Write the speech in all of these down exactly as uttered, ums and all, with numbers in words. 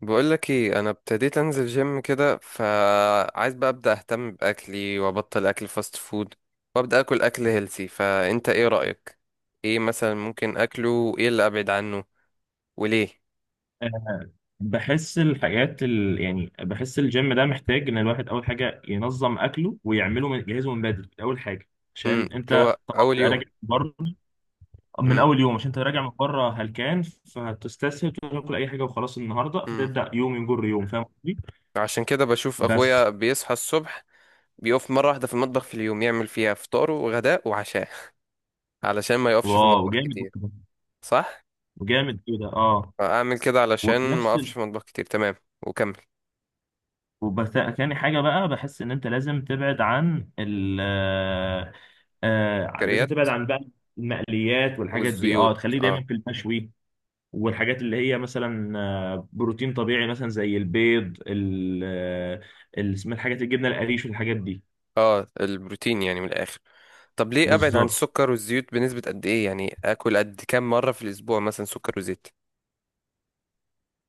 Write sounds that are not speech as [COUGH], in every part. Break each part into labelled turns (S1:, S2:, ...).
S1: بقولك ايه، انا ابتديت انزل جيم كده، فعايز بقى ابدا اهتم باكلي وابطل اكل فاست فود وابدا اكل اكل هيلثي. فانت ايه رايك؟ ايه مثلا ممكن اكله وايه اللي ابعد عنه وليه؟
S2: بحس الحاجات ال... يعني بحس الجيم ده محتاج ان الواحد اول حاجه ينظم اكله ويعمله من... يجهزه من بدري اول حاجه.
S1: امم
S2: عشان
S1: اللي هو
S2: انت طبعا
S1: اول
S2: بتبقى
S1: يوم.
S2: راجع من بره. من
S1: امم
S2: اول يوم عشان انت راجع من بره هلكان، فهتستسهل تاكل اي حاجه وخلاص النهارده،
S1: امم
S2: فتبدا يوم يجر يوم. فاهم قصدي؟
S1: عشان كده بشوف اخويا
S2: بس
S1: بيصحى الصبح، بيقف مره واحده في المطبخ في اليوم يعمل فيها فطاره وغداء وعشاء [LAUGHS] علشان ما يقفش في
S2: واو
S1: المطبخ
S2: جامد.
S1: كتير. صح،
S2: وجامد كده، اه.
S1: اعمل كده علشان
S2: وفي
S1: ما
S2: نفس
S1: اقفش في المطبخ كتير، تمام. وكمل.
S2: وبس تاني حاجة بقى، بحس إن أنت لازم تبعد عن ال آه، آه، لازم
S1: كريات
S2: تبعد عن بقى المقليات والحاجات دي، اه،
S1: والزيوت.
S2: تخليه
S1: اه.
S2: دايما في المشوي. والحاجات اللي هي مثلا آه، بروتين طبيعي، مثلا زي البيض ال آه، ال- اسمها الحاجات الجبنة القريش والحاجات دي.
S1: اه، البروتين يعني من الاخر. طب ليه ابعد عن
S2: بالظبط.
S1: السكر والزيوت؟ بنسبة قد ايه يعني اكل قد كام مرة في الاسبوع مثلا سكر وزيت؟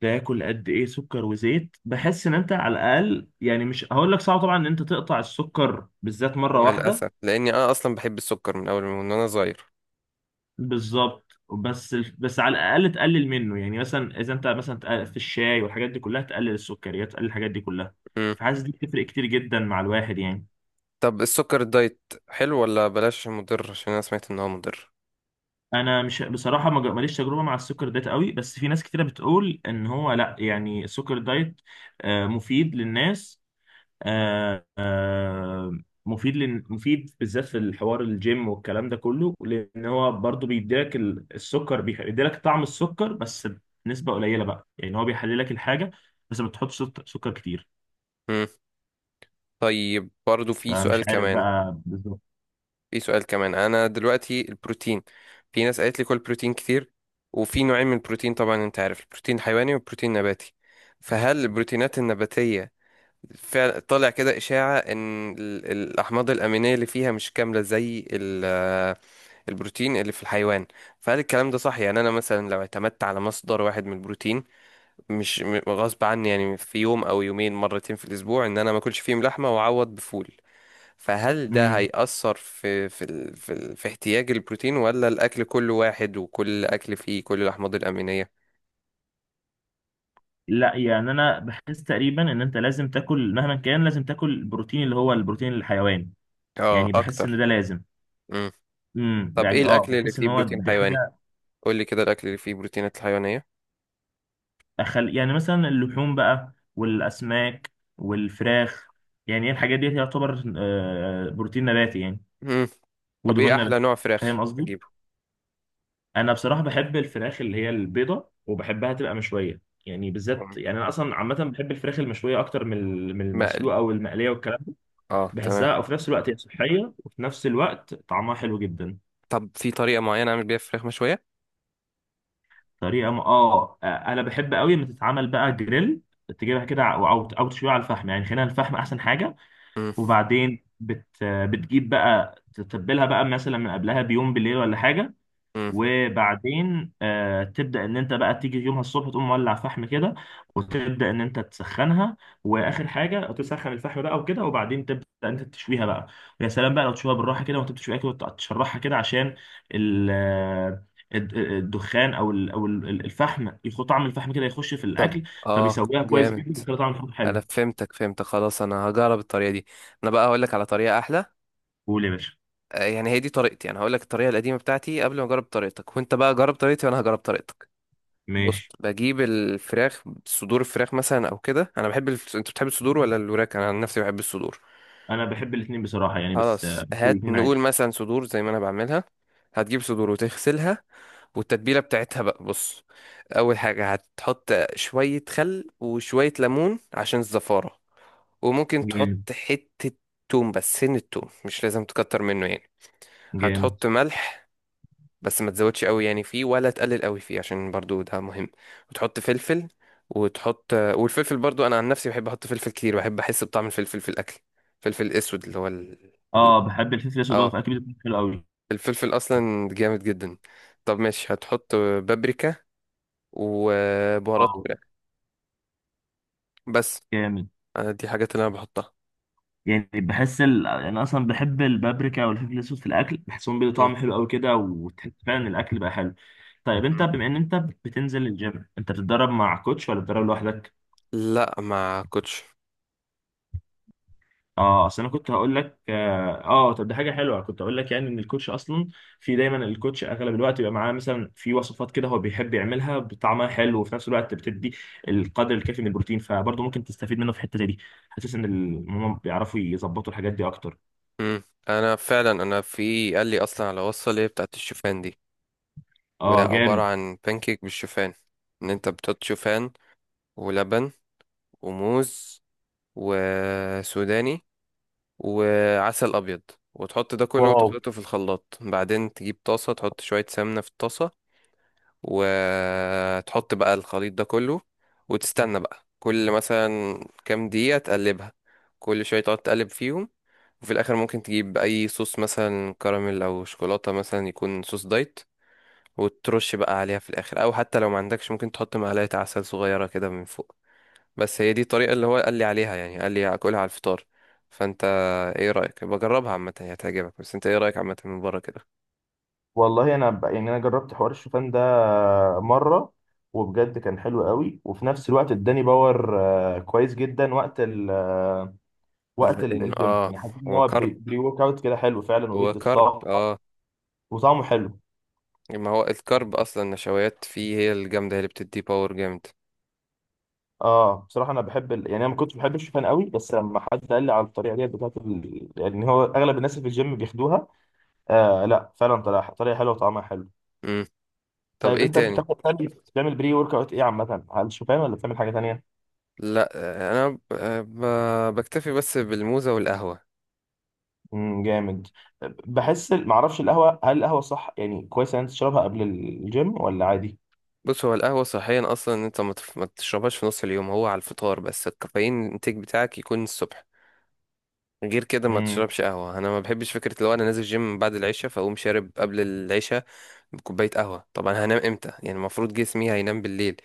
S2: تاكل قد ايه سكر وزيت؟ بحس ان انت على الاقل، يعني مش هقول لك صعب طبعا ان انت تقطع السكر بالذات مره
S1: طبعاً
S2: واحده.
S1: للاسف، لاني انا اصلا بحب السكر من اول من وانا صغير.
S2: بالظبط، بس بس على الاقل تقلل منه. يعني مثلا اذا انت مثلا تق- في الشاي والحاجات دي كلها تقلل السكريات، تقلل الحاجات دي كلها.
S1: امم
S2: فحاسس دي بتفرق كتير جدا مع الواحد يعني.
S1: طب السكر الدايت حلو ولا بلاش، عشان مضر، عشان انا سمعت ان هو مضر.
S2: انا مش بصراحه ما جا- ماليش تجربه مع السكر دايت قوي، بس في ناس كتيره بتقول ان هو لا، يعني السكر دايت آه، مفيد للناس. آه، آه، مفيد لن... مفيد بالذات في الحوار الجيم والكلام ده كله، لان هو برضو بيديلك ال- السكر، بيخ- بيديلك طعم السكر بس بنسبه قليله بقى. يعني هو بيحللك الحاجه بس ما بتحطش سك- سكر كتير.
S1: امم طيب برضو في
S2: فمش
S1: سؤال
S2: عارف
S1: كمان.
S2: بقى بالظبط.
S1: في سؤال كمان، انا دلوقتي البروتين، في ناس قالت لي كل بروتين كتير، وفي نوعين من البروتين طبعا انت عارف، البروتين حيواني والبروتين نباتي. فهل البروتينات النباتية فعلا طالع كده إشاعة إن ال- الأحماض الأمينية اللي فيها مش كاملة زي ال- آه، البروتين اللي في الحيوان؟ فهل الكلام ده صح؟ يعني أنا مثلا لو اعتمدت على مصدر واحد من البروتين، مش م- غصب عني، يعني في يوم أو يومين، مرتين في الأسبوع، إن أنا ما أكلش فيهم لحمة وأعوض بفول، فهل ده
S2: امم،
S1: هيأثر في في ال- في, ال- في احتياج البروتين، ولا الأكل كله واحد وكل أكل فيه كل الأحماض الأمينية؟
S2: لا يعني انا بحس تقريبا ان انت لازم تاكل، مهما كان لازم تاكل البروتين اللي هو البروتين الحيواني.
S1: اه
S2: يعني بحس ان
S1: أكتر.
S2: ده لازم.
S1: مم.
S2: امم،
S1: طب إيه
S2: يعني اه
S1: الأكل اللي
S2: بحس ان
S1: فيه
S2: هو
S1: بروتين
S2: دي
S1: حيواني؟
S2: حاجه.
S1: قولي كده الأكل اللي فيه بروتينات حيوانية.
S2: أخل... يعني مثلا اللحوم بقى والأسماك والفراخ. يعني هي الحاجات دي تعتبر آه، بروتين نباتي يعني،
S1: مم. طب ايه
S2: ودهون
S1: احلى
S2: نباتي.
S1: نوع
S2: فاهم
S1: فراخ
S2: قصدي؟
S1: اجيبه؟
S2: أنا بصراحة بحب الفراخ اللي هي البيضة، وبحبها تبقى مشوية. يعني بالذات،
S1: مم.
S2: يعني أنا أصلا عامة بحب الفراخ المشوية أكتر من ال- من
S1: مقلي،
S2: المسلوقة والمقلية والكلام ده.
S1: اه تمام.
S2: بحسها وفي نفس الوقت هي صحية، وفي نفس الوقت طعمها حلو جدا.
S1: طب في طريقه معينه اعمل بيها فراخ مشويه؟
S2: طريقة م... آه آه، أنا بحب قوي لما تتعمل بقى جريل. تجيبها كده، أو أو أو تشويها على الفحم. يعني خلينا الفحم أحسن حاجة.
S1: مم.
S2: وبعدين بت بتجيب بقى تتبلها بقى مثلا من قبلها بيوم بالليل ولا حاجة.
S1: مم.
S2: وبعدين آه تبدأ ان انت بقى تيجي يومها الصبح تقوم مولع فحم كده، وتبدأ ان انت تسخنها. واخر حاجة تسخن الفحم بقى وكده، وبعدين تبدأ انت تشويها بقى. ويا سلام بقى لو تشويها بالراحة كده وانت بتشويها كده وتشرحها كده عشان ال آه، الد- الدخان او ال- او ال- الفحم، يخو طعم الفحم كده يخش في
S1: طب
S2: الاكل.
S1: اه
S2: فبيسويها كويس
S1: جامد.
S2: جدا، بيخلي طعم الفحم
S1: انا
S2: حلو.
S1: فهمتك فهمتك، خلاص انا هجرب الطريقه دي. انا بقى هقول لك على طريقه احلى.
S2: قول يا باشا.
S1: آه، يعني هي دي طريقتي. انا هقول لك الطريقه القديمه بتاعتي قبل ما اجرب طريقتك، وانت بقى جرب طريقتي وانا هجرب طريقتك. بص،
S2: ماشي.
S1: بجيب الفراخ، صدور الفراخ مثلا او كده، انا بحب الف... انت بتحب الصدور ولا الوراك؟ انا عن نفسي بحب الصدور.
S2: انا بحب الاثنين بصراحه، يعني بس
S1: خلاص،
S2: آه، باكل
S1: هات
S2: الاثنين عادي.
S1: نقول مثلا صدور زي ما انا بعملها. هتجيب صدور وتغسلها، والتتبيلة بتاعتها بقى بص. أول حاجة هتحط شوية خل وشوية ليمون عشان الزفارة. وممكن
S2: جامد.
S1: تحط حتة توم، بس سن التوم مش لازم تكتر منه يعني.
S2: جامد.
S1: هتحط ملح، بس ما تزودش قوي يعني فيه ولا تقلل قوي فيه، عشان برضو ده مهم. وتحط فلفل. وتحط والفلفل برضو أنا عن نفسي بحب أحط فلفل كتير، بحب أحس بطعم الفلفل في الأكل. فلفل أسود اللي هو ال... ال-
S2: اه، بحب الفلفل الاسود برضه
S1: اه،
S2: في اكل، بيكون حلو قوي.
S1: الفلفل أصلا جامد جدا. طب ماشي، هتحط بابريكا وبهارات
S2: اه
S1: فراخ. بس
S2: جامد.
S1: أنا دي حاجات اللي انا بحطها.
S2: يعني بحس ال... انا اصلا بحب البابريكا والفلفل الاسود في الاكل، بحسهم بيدوا
S1: مم.
S2: طعم حلو قوي كده، وتحس فعلا إن الاكل بقى حلو. طيب انت
S1: مم.
S2: بما ان انت بتنزل الجيم، انت بتتدرب مع كوتش ولا بتتدرب لوحدك؟
S1: لا ما كنتش.
S2: اه، اصل انا كنت هقول لك اه، آه، طب دي حاجه حلوه، كنت هقول لك يعني ان الكوتش اصلا، في دايما الكوتش اغلب الوقت بيبقى معاه مثلا في وصفات كده هو بيحب يعملها بطعمها حلو، وفي نفس الوقت بتدي القدر الكافي من البروتين. فبرضه ممكن تستفيد منه في الحته دي. حاسس ان ال- هم بيعرفوا يظبطوا الحاجات دي اكتر.
S1: مم. انا فعلا، انا في قال لي اصلا على وصفه اللي هي بتاعت الشوفان دي، وهي
S2: اه
S1: عباره
S2: جامد.
S1: عن بانكيك بالشوفان. ان انت بتحط شوفان ولبن وموز وسوداني وعسل ابيض، وتحط ده كله
S2: واو.
S1: وتخلطه في الخلاط. بعدين تجيب طاسه، تحط شويه سمنه في الطاسه، وتحط بقى الخليط ده كله، وتستنى بقى كل مثلا كام دقيقة تقلبها، كل شوية تقعد تقلب فيهم. وفي الآخر ممكن تجيب أي صوص مثلا كراميل أو شوكولاتة، مثلا يكون صوص دايت، وترش بقى عليها في الآخر. أو حتى لو ما عندكش ممكن تحط معلقة عسل صغيرة كده من فوق. بس هي دي الطريقة اللي هو قال لي عليها، يعني قال لي أكلها على الفطار. فأنت إيه رأيك؟ بجربها عامة هي هتعجبك، بس أنت إيه رأيك عامة من بره كده؟
S2: والله انا ب... يعني انا جربت حوار الشوفان ده مره، وبجد كان حلو قوي، وفي نفس الوقت اداني باور آه، كويس جدا وقت وقت ال-
S1: لأن
S2: الجيم.
S1: آه،
S2: يعني حسيت ان
S1: هو
S2: هو بري
S1: كرب،
S2: بري ورك اوت كده حلو فعلا،
S1: هو
S2: وبيدي
S1: كرب
S2: طاقه
S1: اه.
S2: وطعمه حلو.
S1: ما هو الكرب اصلا، النشويات فيه هي الجامده هي اللي بتدي باور جامد.
S2: اه بصراحه انا بحب ال... يعني انا ما كنتش بحب الشوفان قوي، بس لما حد قال لي على الطريقه دي بتاعت ال... يعني هو اغلب الناس اللي في الجيم بياخدوها. آه لا فعلا طريقه طريقه حلوه وطعمها حلو.
S1: امم طب
S2: طيب
S1: ايه
S2: انت
S1: تاني؟
S2: بتاخد تاني، بتعمل بري ورك اوت ايه عامه؟ على الشوفان ولا بتعمل حاجه تانيه؟
S1: لا آه، انا ب- آه، ب- بكتفي بس بالموزه والقهوه.
S2: امم جامد. بحس ال- معرفش القهوه، هل القهوه صح يعني كويس ان انت تشربها قبل الجيم ولا عادي؟
S1: بص، هو القهوه صحيا اصلا إن انت ما تف- ما تشربهاش في نص اليوم، هو على الفطار بس، الكافيين الانتاج بتاعك يكون الصبح. غير كده ما
S2: امم
S1: تشربش قهوه. انا ما بحبش فكره لو انا نازل جيم بعد العشاء فاقوم شارب قبل العشاء بكوبايه قهوه، طبعا هنام امتى يعني؟ المفروض جسمي هينام بالليل.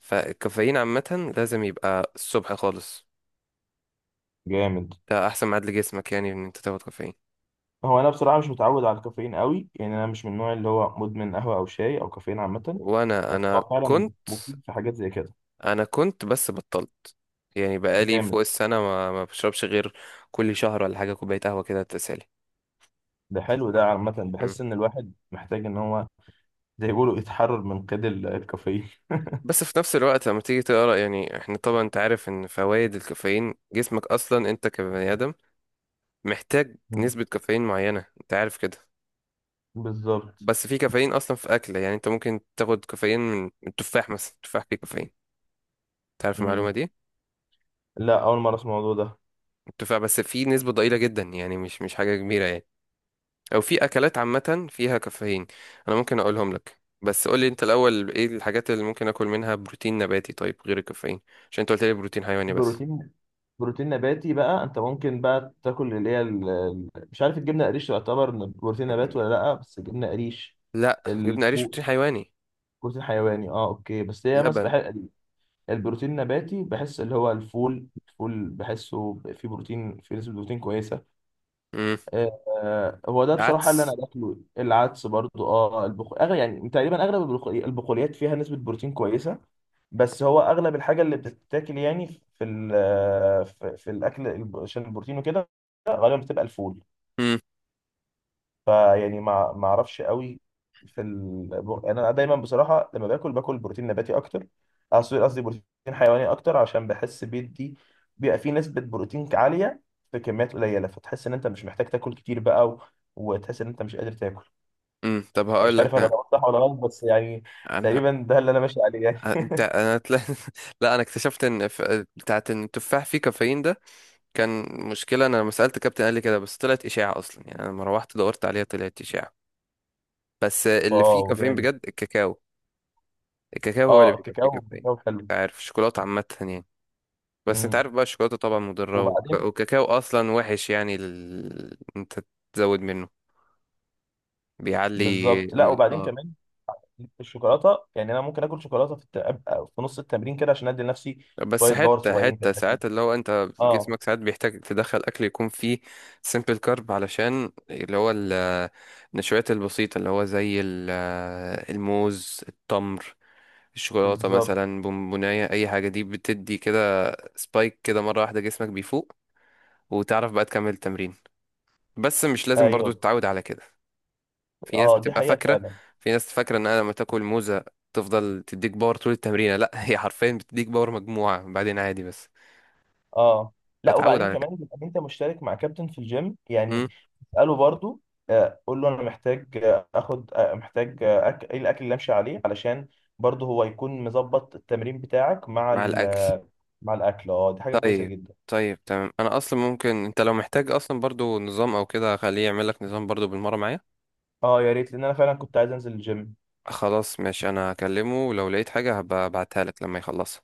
S1: فالكافيين عامه لازم يبقى الصبح خالص.
S2: جامد.
S1: ده احسن ميعاد لجسمك يعني ان انت تاخد كافيين.
S2: هو انا بصراحه مش متعود على الكافيين قوي، يعني انا مش من النوع اللي هو مدمن قهوه او شاي او كافيين عامه.
S1: وانا
S2: بس
S1: انا
S2: هو فعلا
S1: كنت
S2: مفيد في حاجات زي كده.
S1: انا كنت بس بطلت، يعني بقالي
S2: جامد.
S1: فوق السنه ما ما بشربش غير كل شهر ولا حاجه كوبايه قهوه كده تسالي.
S2: ده حلو ده عامه،
S1: مم.
S2: بحس ان الواحد محتاج ان هو زي ما بيقولوا يتحرر من قيد ال- الكافيين.
S1: بس في نفس الوقت لما تيجي تقرا، يعني احنا طبعا انت عارف ان فوائد الكافيين، جسمك اصلا انت كبني ادم محتاج
S2: مم.
S1: نسبه كافيين معينه، انت عارف كده.
S2: [LAUGHS] بالظبط.
S1: بس في كافيين اصلا في اكل، يعني انت ممكن تاخد كافيين من من التفاح مثلا، التفاح فيه كافيين، تعرف المعلومه
S2: مم.
S1: دي؟
S2: لا اول مره اسمع الموضوع ده.
S1: التفاح بس فيه نسبه ضئيله جدا، يعني مش مش حاجه كبيره يعني. او في اكلات عامه فيها كافيين، انا ممكن اقولهم لك، بس قول لي انت الاول ايه الحاجات اللي ممكن اكل منها بروتين نباتي، طيب غير الكافيين، عشان انت قلت لي بروتين حيواني بس.
S2: بروتين، بروتين نباتي بقى انت ممكن بقى تاكل اللي هي ال- ال- مش عارف الجبنه قريش تعتبر من بروتين نبات ولا لا، بس الجبنه قريش،
S1: لا،
S2: ال-
S1: جبنه قريش بروتين حيواني.
S2: بروتين حيواني، اه اوكي. بس هي
S1: لبن.
S2: مثلا البروتين النباتي بحس اللي هو الفول، الفول بحسه فيه بروتين، فيه نسبة بروتين كويسة.
S1: امم.
S2: آه، آه، هو ده بصراحة اللي أنا
S1: عدس.
S2: باكله، العدس برضو اه. البخ... أغلب يعني تقريبا أغلب البخ- البقوليات فيها نسبة بروتين كويسة. بس هو أغلب الحاجة اللي بتتاكل يعني في ال... آه، في, في الأكل الب- عشان البروتين وكده، غالبا بتبقى الفول.
S1: امم
S2: فيعني ما ما اعرفش قوي في البر... انا دايما بصراحه لما باكل باكل بروتين نباتي اكتر. قصدي قصدي بروتين حيواني اكتر، عشان بحس بيدي، بيبقى فيه نسبه بروتين عاليه في كميات قليله، فتحس ان انت مش محتاج تاكل كتير بقى، و... وتحس ان انت مش قادر تاكل.
S1: امم طب هقول
S2: مش
S1: لك
S2: عارف انا
S1: انا.
S2: لو صح ولا غلط بس يعني
S1: أنا-
S2: تقريبا ده اللي انا ماشي عليه يعني.
S1: انت انا تلا... [LAUGHS] لا انا اكتشفت ان ف... بتاعت ان التفاح فيه كافيين ده، كان مشكله. انا لما سالت كابتن قال لي كده، بس طلعت اشاعه اصلا، يعني انا لما روحت دورت عليها طلعت اشاعه. بس
S2: [LAUGHS]
S1: اللي فيه
S2: واو
S1: كافيين
S2: جامد.
S1: بجد الكاكاو. الكاكاو هو اللي
S2: اه
S1: بيبقى فيه
S2: الكاكاو،
S1: كافيين.
S2: الكاكاو حلو.
S1: انت عارف الشوكولاته عامه يعني. بس انت
S2: امم.
S1: عارف بقى الشوكولاته طبعا مضره، وك-
S2: وبعدين
S1: والكاكاو اصلا وحش يعني ال... انت تزود منه بيعلي.
S2: بالظبط. لا وبعدين
S1: اه،
S2: كمان الشوكولاته، يعني انا ممكن اكل شوكولاته في الت... أبقى في نص التمرين كده عشان ادي لنفسي
S1: بس
S2: شويه باور
S1: حته
S2: صغيرين كده.
S1: حته ساعات اللي هو انت
S2: اه.
S1: جسمك ساعات بيحتاج تدخل اكل يكون فيه سيمبل كارب، علشان اللي هو ال- النشويات البسيطه اللي هو زي ال- الموز، التمر، الشوكولاته
S2: بالظبط.
S1: مثلا، بونبونايه، اي حاجه دي بتدي كده سبايك كده مره واحده، جسمك بيفوق وتعرف بقى تكمل التمرين. بس مش لازم برضو
S2: ايوه.
S1: تتعود على كده. في ناس
S2: اه دي
S1: بتبقى
S2: حقيقه
S1: فاكرة،
S2: فعلا.
S1: في ناس فاكرة ان انا لما تاكل موزة تفضل تديك باور طول التمرين، لا هي حرفيا بتديك باور مجموعة بعدين عادي بس.
S2: اه، لا
S1: فتعود
S2: وبعدين
S1: على كده.
S2: كمان بيبقى انت مشترك مع كابتن في الجيم
S1: مم.
S2: يعني، اساله برضو. آه، قول له انا محتاج آه، اخد، آه، محتاج، آه، أك... ايه الاكل اللي امشي عليه، علشان برضو هو يكون مظبط التمرين بتاعك مع
S1: مع
S2: ال...
S1: الاكل.
S2: آه، مع الاكل. اه دي حاجه كويسه
S1: طيب،
S2: جدا.
S1: طيب تمام. انا اصلا ممكن، انت لو محتاج اصلا برضو نظام او كده، خليه يعمل لك نظام برضو بالمرة معايا.
S2: اه يا ريت، لان انا فعلا كنت عايز انزل الجيم.
S1: خلاص ماشي، انا هكلمه ولو لقيت حاجة هبقى ابعتها لك لما يخلصها.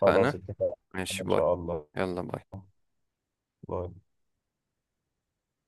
S2: خلاص
S1: فانا
S2: اتفقنا.
S1: ماشي،
S2: ان
S1: باي.
S2: شاء الله.
S1: يلا باي.